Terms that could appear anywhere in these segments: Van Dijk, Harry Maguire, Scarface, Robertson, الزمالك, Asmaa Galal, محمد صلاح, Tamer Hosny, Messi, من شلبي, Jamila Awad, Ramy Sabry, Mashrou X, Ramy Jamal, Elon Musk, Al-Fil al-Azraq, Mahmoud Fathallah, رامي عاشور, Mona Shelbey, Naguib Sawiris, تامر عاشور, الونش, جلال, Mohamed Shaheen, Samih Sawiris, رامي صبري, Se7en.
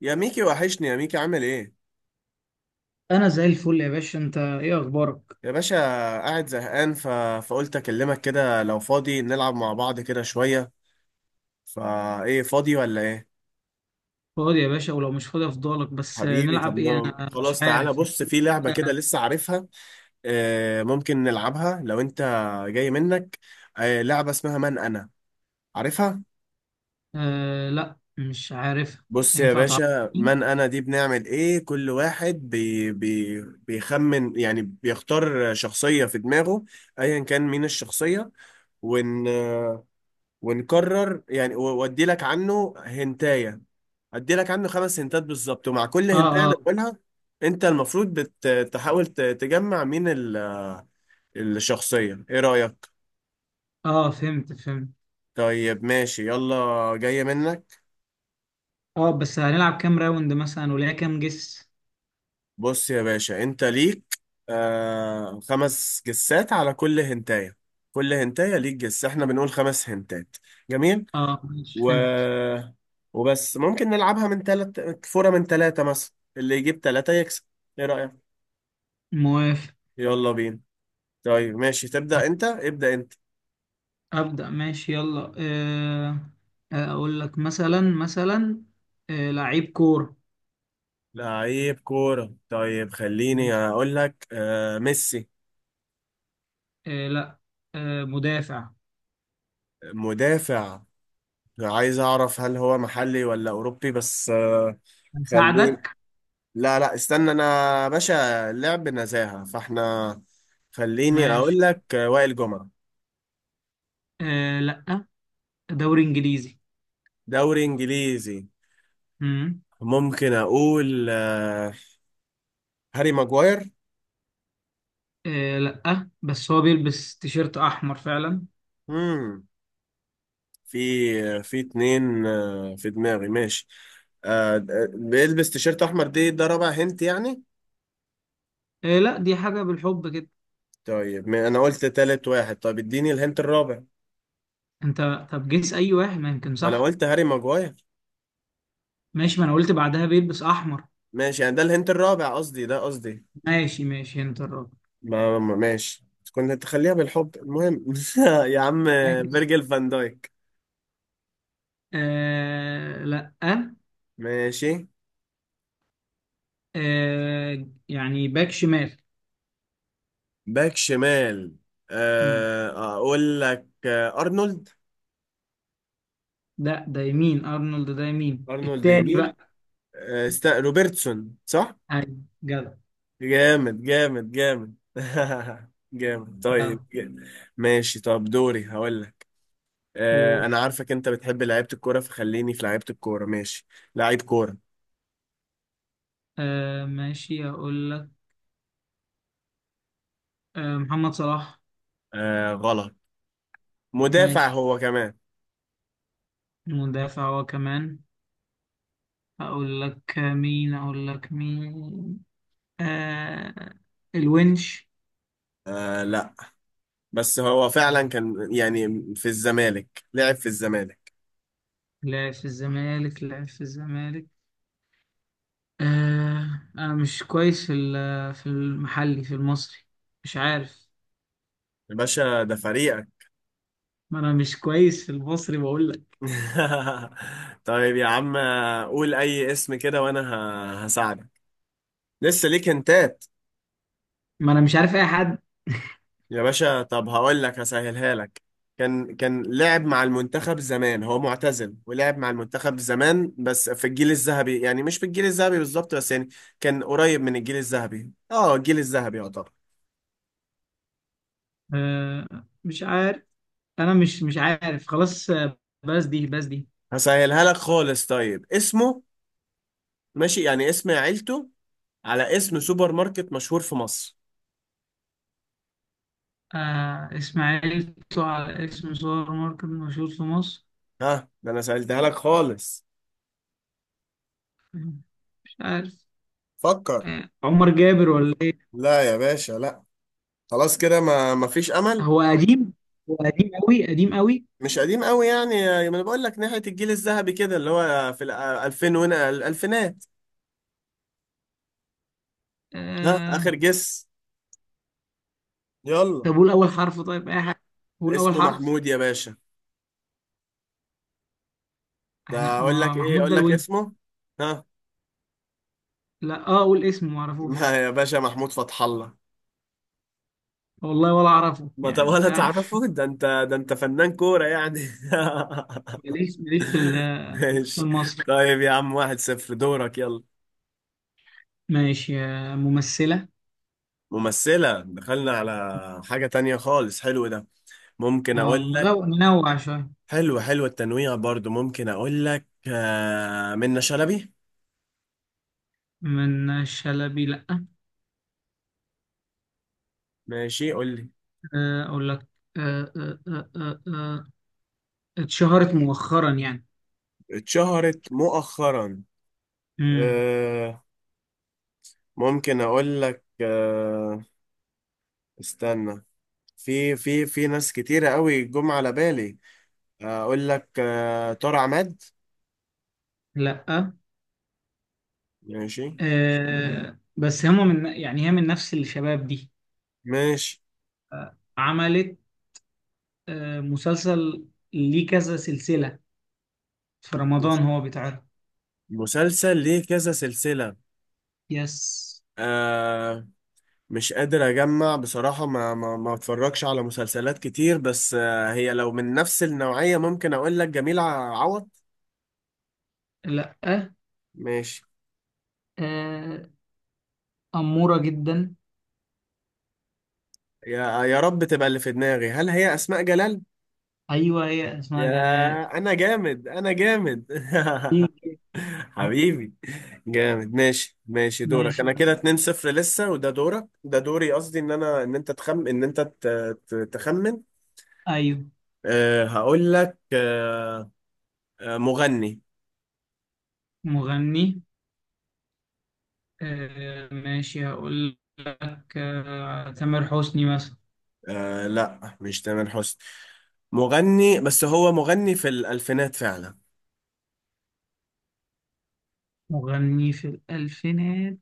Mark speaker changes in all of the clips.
Speaker 1: يا ميكي، وحشني يا ميكي، عامل ايه؟
Speaker 2: انا زي الفل يا باشا. انت ايه اخبارك؟
Speaker 1: يا باشا. قاعد زهقان، فقلت اكلمك كده لو فاضي نلعب مع بعض كده شوية. فايه، فاضي ولا ايه؟
Speaker 2: فاضي يا باشا، ولو مش فاضي افضلك. بس
Speaker 1: حبيبي، طب
Speaker 2: نلعب ايه؟ انا مش
Speaker 1: خلاص، تعالى
Speaker 2: عارف.
Speaker 1: بص في لعبة كده لسه عارفها. آه، ممكن نلعبها لو انت جاي منك. آه، لعبة اسمها من انا، عارفها؟
Speaker 2: آه، لا، مش عارف.
Speaker 1: بص يا
Speaker 2: ينفع
Speaker 1: باشا،
Speaker 2: تعرفني؟
Speaker 1: من انا دي بنعمل ايه، كل واحد بيخمن، يعني بيختار شخصية في دماغه، ايا كان مين الشخصية. ون ونكرر يعني، وادي لك عنه هنتايه، ادي لك عنه خمس هنتات بالظبط، ومع كل
Speaker 2: اه،
Speaker 1: هنتايه انا
Speaker 2: اه.
Speaker 1: بقولها، انت المفروض بتحاول تجمع مين الشخصيه. ايه رايك؟
Speaker 2: اه، فهمت فهمت.
Speaker 1: طيب ماشي، يلا جايه منك.
Speaker 2: اه، بس هنلعب كام راوند مثلا؟ وليها كام جس؟
Speaker 1: بص يا باشا، انت ليك خمس جسات على كل هنتايه. كل هنتايه ليك جس، احنا بنقول خمس هنتات. جميل.
Speaker 2: اه، ماشي،
Speaker 1: و
Speaker 2: فهمت.
Speaker 1: وبس، ممكن نلعبها من ثلاث فورة، من ثلاثة مثلا اللي يجيب ثلاثة يكسب. ايه رأيك؟
Speaker 2: موافق.
Speaker 1: يلا بينا. طيب ماشي، تبدأ انت، ابدأ انت.
Speaker 2: ابدا، ماشي، يلا آه. اقول لك مثلا مثلا. آه، لعيب كورة.
Speaker 1: لعيب كورة. طيب خليني اقول لك ميسي.
Speaker 2: آه، لا. آه، مدافع.
Speaker 1: مدافع. عايز اعرف هل هو محلي ولا اوروبي بس. خليني.
Speaker 2: هساعدك.
Speaker 1: لا، لا، استنى انا باشا، لعب نزاهة فاحنا. خليني
Speaker 2: ماشي.
Speaker 1: اقول لك وائل جمعة.
Speaker 2: آه، لا. دوري انجليزي.
Speaker 1: دوري انجليزي.
Speaker 2: امم.
Speaker 1: ممكن اقول هاري ماجواير.
Speaker 2: آه، لا، بس هو بيلبس تيشيرت احمر فعلا.
Speaker 1: مم. في اتنين في دماغي، ماشي. آه، بيلبس تيشيرت احمر، دي ده رابع هنت يعني.
Speaker 2: آه، لا، دي حاجه بالحب كده.
Speaker 1: طيب، ما انا قلت تالت واحد، طب اديني الهنت الرابع.
Speaker 2: انت طب جيس اي واحد، ما يمكن
Speaker 1: ما انا
Speaker 2: صح.
Speaker 1: قلت هاري ماجواير.
Speaker 2: ماشي، ما انا قلت بعدها بيلبس احمر.
Speaker 1: ماشي، يعني ده الهنت الرابع قصدي، ده قصدي.
Speaker 2: ماشي ماشي، انت الراجل.
Speaker 1: ماشي. كنت تخليها بالحب، المهم يا عم، فيرجل فان دايك.
Speaker 2: آه، لا.
Speaker 1: ماشي.
Speaker 2: آه، يعني باك شمال.
Speaker 1: باك شمال.
Speaker 2: مم.
Speaker 1: آه، اقول لك ارنولد.
Speaker 2: ده يمين، ارنولد ده يمين
Speaker 1: ارنولد
Speaker 2: التاني
Speaker 1: يمين.
Speaker 2: بقى.
Speaker 1: روبرتسون، صح.
Speaker 2: ايوه، جدع.
Speaker 1: جامد جامد جامد جامد،
Speaker 2: جدع.
Speaker 1: طيب جامد. ماشي، طب دوري هقول لك.
Speaker 2: قول.
Speaker 1: انا عارفك انت بتحب لعيبة الكورة، فخليني في لعيبة الكورة، ماشي. لعيب كورة.
Speaker 2: آه، ماشي، اقول لك. آه، محمد صلاح.
Speaker 1: غلط. مدافع
Speaker 2: ماشي.
Speaker 1: هو كمان.
Speaker 2: مدافع هو كمان. اقول لك مين، اقول لك مين؟ آه. الونش.
Speaker 1: لا، بس هو فعلا كان يعني في الزمالك، لعب في الزمالك.
Speaker 2: لعب في الزمالك، لعب في الزمالك. آه، انا مش كويس في المحلي، في المصري. مش عارف.
Speaker 1: يا باشا ده فريقك.
Speaker 2: ما انا مش كويس في المصري بقول لك.
Speaker 1: طيب يا عم، قول اي اسم كده وانا هساعدك، لسه ليك هنتات.
Speaker 2: ما انا مش عارف اي حد.
Speaker 1: يا باشا، طب هقول لك، هسهلها لك. كان لعب مع المنتخب زمان، هو معتزل ولعب مع المنتخب زمان بس في الجيل الذهبي، يعني مش في الجيل الذهبي بالظبط، بس يعني كان قريب من الجيل الذهبي، الجيل الذهبي يعتبر.
Speaker 2: آه. مش عارف. انا مش عارف خلاص. بس دي.
Speaker 1: هسهلها لك خالص، طيب اسمه، ماشي يعني اسم عيلته، على اسم سوبر ماركت مشهور في مصر.
Speaker 2: آه، اسماعيل طلع على اسم سوبر ماركت مشهور في مصر؟
Speaker 1: ها، ده انا سهلتها لك خالص.
Speaker 2: مش عارف.
Speaker 1: فكر.
Speaker 2: آه، عمر جابر ولا؟
Speaker 1: لا يا باشا، لا. خلاص كده ما فيش امل.
Speaker 2: هو قديم؟ هو قديم قوي، قديم قوي.
Speaker 1: مش قديم قوي يعني، ما انا بقول لك ناحية الجيل الذهبي كده اللي هو في ال 2000 وهنا الألفينات. ها،
Speaker 2: آه.
Speaker 1: آخر جس، يلا.
Speaker 2: طب قول اول حرف. طيب اي حاجه، قول اول
Speaker 1: اسمه
Speaker 2: حرف.
Speaker 1: محمود يا باشا. ده
Speaker 2: احنا
Speaker 1: أقول
Speaker 2: ما...
Speaker 1: لك إيه،
Speaker 2: محمود
Speaker 1: أقول
Speaker 2: ده
Speaker 1: لك
Speaker 2: الوينج.
Speaker 1: اسمه. ها.
Speaker 2: لا، قول اسمه ما اعرفوش.
Speaker 1: ما يا باشا، محمود فتح الله.
Speaker 2: والله ولا اعرفه،
Speaker 1: ما طب
Speaker 2: يعني مش
Speaker 1: ولا
Speaker 2: عارف.
Speaker 1: تعرفه، ده أنت، ده أنت فنان كورة يعني.
Speaker 2: ماليش ماليش في
Speaker 1: ماشي.
Speaker 2: المصري.
Speaker 1: طيب يا عم، 1-0، دورك، يلا.
Speaker 2: ماشي. ممثله.
Speaker 1: ممثلة، دخلنا على حاجة تانية خالص، حلو ده. ممكن
Speaker 2: اه
Speaker 1: أقول،
Speaker 2: ننوع شويه.
Speaker 1: حلو، حلو التنويع برضو، ممكن اقول لك منة شلبي.
Speaker 2: من شلبي؟ لا.
Speaker 1: ماشي، قول لي.
Speaker 2: اقول لك. آه، آه، آه، آه، آه، اتشهرت مؤخرا يعني.
Speaker 1: اتشهرت مؤخرا.
Speaker 2: امم.
Speaker 1: آه، ممكن اقول لك استنى، في ناس كتيرة قوي جم على بالي. اقول لك طارق عماد.
Speaker 2: لا،
Speaker 1: ماشي،
Speaker 2: بس هم من يعني هي من نفس الشباب دي.
Speaker 1: ماشي.
Speaker 2: عملت. مسلسل. ليه كذا سلسلة. في رمضان هو بيتعرض.
Speaker 1: مسلسل ليه كذا سلسلة.
Speaker 2: يس.
Speaker 1: مش قادر اجمع بصراحة، ما اتفرجش على مسلسلات كتير، بس هي لو من نفس النوعية ممكن اقول لك جميلة عوض.
Speaker 2: لا،
Speaker 1: ماشي.
Speaker 2: أمورة جدا.
Speaker 1: يا يا رب تبقى اللي في دماغي، هل هي اسماء جلال؟
Speaker 2: أيوة، هي اسمها جلال.
Speaker 1: يا انا جامد، انا جامد
Speaker 2: إيه؟
Speaker 1: حبيبي، جامد. ماشي، ماشي دورك.
Speaker 2: ماشي.
Speaker 1: انا كده 2-0 لسه، وده دورك، ده دوري، قصدي ان انت تخمن.
Speaker 2: أيوة.
Speaker 1: أه، هقول لك أه. مغني.
Speaker 2: مغني. ماشي، هقول لك تامر حسني مثلا.
Speaker 1: لا، مش تامر حسني، مغني. بس هو مغني في الألفينات فعلا،
Speaker 2: مغني في الألفينات؟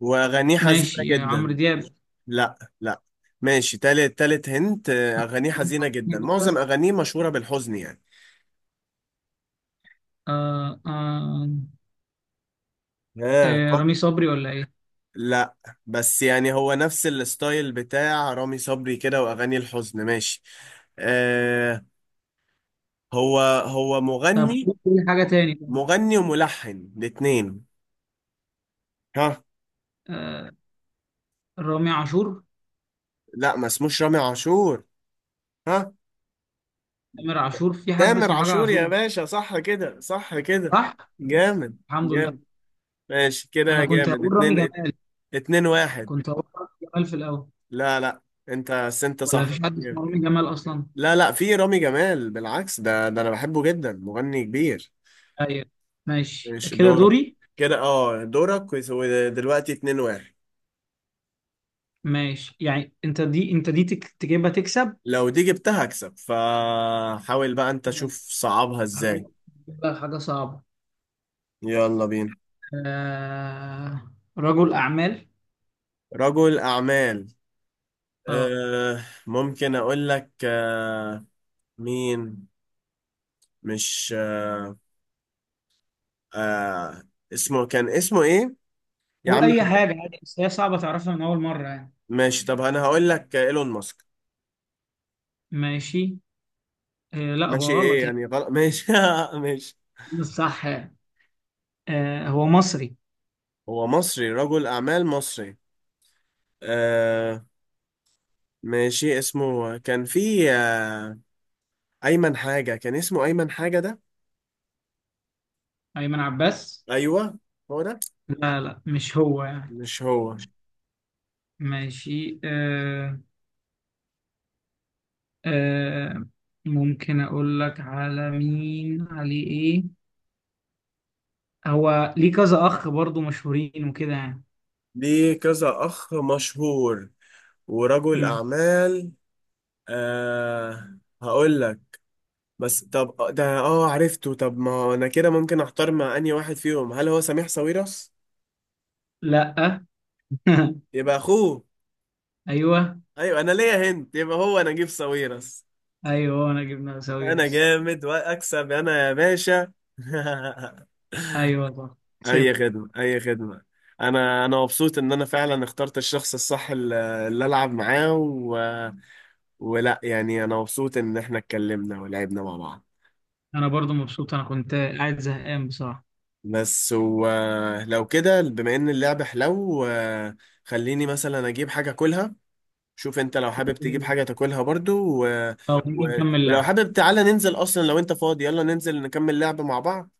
Speaker 1: وأغانيه حزينة
Speaker 2: ماشي، عمرو
Speaker 1: جدا.
Speaker 2: دياب.
Speaker 1: لا، لا. ماشي، تالت، تالت هنت. أغانيه حزينة
Speaker 2: حسني
Speaker 1: جدا،
Speaker 2: جدا.
Speaker 1: معظم أغانيه مشهورة بالحزن يعني.
Speaker 2: آه، آه.
Speaker 1: آه
Speaker 2: آه،
Speaker 1: ق-
Speaker 2: رامي صبري ولا إيه؟
Speaker 1: لا، بس يعني هو نفس الستايل بتاع رامي صبري كده، وأغاني الحزن، ماشي. آه هو هو
Speaker 2: طب
Speaker 1: مغني،
Speaker 2: قول حاجة تاني.
Speaker 1: مغني وملحن الاتنين. ها.
Speaker 2: رامي عاشور؟
Speaker 1: لا، ما اسموش رامي عاشور. ها.
Speaker 2: تامر عاشور؟ في حد
Speaker 1: تامر
Speaker 2: اسمه حاجة
Speaker 1: عاشور يا
Speaker 2: عاشور؟
Speaker 1: باشا، صح كده، صح كده،
Speaker 2: صح؟
Speaker 1: جامد
Speaker 2: الحمد
Speaker 1: جامد.
Speaker 2: لله.
Speaker 1: ماشي
Speaker 2: أنا
Speaker 1: كده،
Speaker 2: كنت
Speaker 1: جامد،
Speaker 2: هقول رامي
Speaker 1: اتنين
Speaker 2: جمال.
Speaker 1: اتنين واحد.
Speaker 2: كنت هقول رامي جمال في الأول.
Speaker 1: لا، لا، انت بس، انت
Speaker 2: ولا
Speaker 1: صح،
Speaker 2: مفيش حد اسمه
Speaker 1: جامد.
Speaker 2: رامي جمال أصلا؟
Speaker 1: لا، لا، في رامي جمال، بالعكس، ده انا بحبه جدا، مغني كبير.
Speaker 2: أيوه. ماشي
Speaker 1: ماشي
Speaker 2: كده.
Speaker 1: دورك
Speaker 2: دوري.
Speaker 1: كده، دورك ودلوقتي 2-1.
Speaker 2: ماشي، يعني أنت دي تجيبها تكسب.
Speaker 1: لو دي جبتها اكسب، فحاول بقى انت، شوف
Speaker 2: ماشي.
Speaker 1: صعبها ازاي.
Speaker 2: هجيب لك حاجة صعبة.
Speaker 1: يلا بينا.
Speaker 2: آه. رجل أعمال.
Speaker 1: رجل اعمال.
Speaker 2: أه
Speaker 1: أه، ممكن اقول لك أه، مين. مش آه اسمه، كان اسمه ايه، يا
Speaker 2: قول
Speaker 1: عم
Speaker 2: أي
Speaker 1: خالد.
Speaker 2: حاجة عادي، بس هي صعبة تعرفها من أول مرة يعني.
Speaker 1: ماشي، طب انا هقول لك ايلون ماسك.
Speaker 2: ماشي. آه، لا،
Speaker 1: ماشي،
Speaker 2: هو
Speaker 1: ايه
Speaker 2: غلط يعني.
Speaker 1: يعني غلط، ماشي ماشي.
Speaker 2: بس صح يعني. آه، هو مصري؟
Speaker 1: هو مصري، رجل اعمال مصري. آه. ماشي، اسمه كان في ايمن حاجة، كان اسمه ايمن حاجة ده.
Speaker 2: أيمن عباس؟
Speaker 1: ايوه، هو ده.
Speaker 2: لا، لا، مش هو يعني.
Speaker 1: مش هو.
Speaker 2: ماشي. آه ممكن اقول لك على مين؟ عليه ايه؟ هو ليه كذا اخ برضو، مشهورين وكده يعني.
Speaker 1: ليه كذا اخ مشهور، ورجل
Speaker 2: مم.
Speaker 1: اعمال. هقول لك، بس طب ده عرفته. طب ما انا كده ممكن احتار مع انهي واحد فيهم، هل هو سميح ساويرس؟
Speaker 2: لا.
Speaker 1: يبقى اخوه.
Speaker 2: ايوه.
Speaker 1: ايوه، انا ليا هنت، يبقى هو نجيب ساويرس.
Speaker 2: ايوه، انا جبنا
Speaker 1: انا
Speaker 2: ساويرس.
Speaker 1: جامد واكسب انا يا باشا
Speaker 2: ايوه، صح.
Speaker 1: اي
Speaker 2: كسبت.
Speaker 1: خدمه، اي خدمه. انا مبسوط ان انا فعلا اخترت الشخص الصح، اللي العب معاه ولا يعني انا مبسوط ان احنا اتكلمنا ولعبنا مع بعض.
Speaker 2: انا برضو مبسوط، انا كنت قاعد زهقان بصراحه.
Speaker 1: بس ولو كده، بما ان اللعبه حلو. خليني مثلا اجيب حاجه كلها، شوف انت لو حابب تجيب
Speaker 2: مم.
Speaker 1: حاجة تاكلها برضو
Speaker 2: طب نيجي
Speaker 1: و...
Speaker 2: نكمل
Speaker 1: ولو
Speaker 2: لعب.
Speaker 1: حابب تعالى ننزل، اصلا لو انت فاضي يلا ننزل نكمل لعب مع بعض.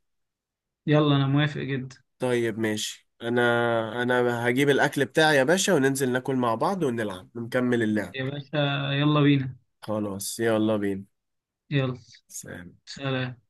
Speaker 2: يلا، انا موافق جدا.
Speaker 1: طيب ماشي، انا هجيب الاكل بتاعي يا باشا، وننزل ناكل مع بعض ونلعب ونكمل اللعب.
Speaker 2: يا باشا، يلا بينا.
Speaker 1: خلاص، يلا بينا.
Speaker 2: يلا.
Speaker 1: سلام.
Speaker 2: سلام.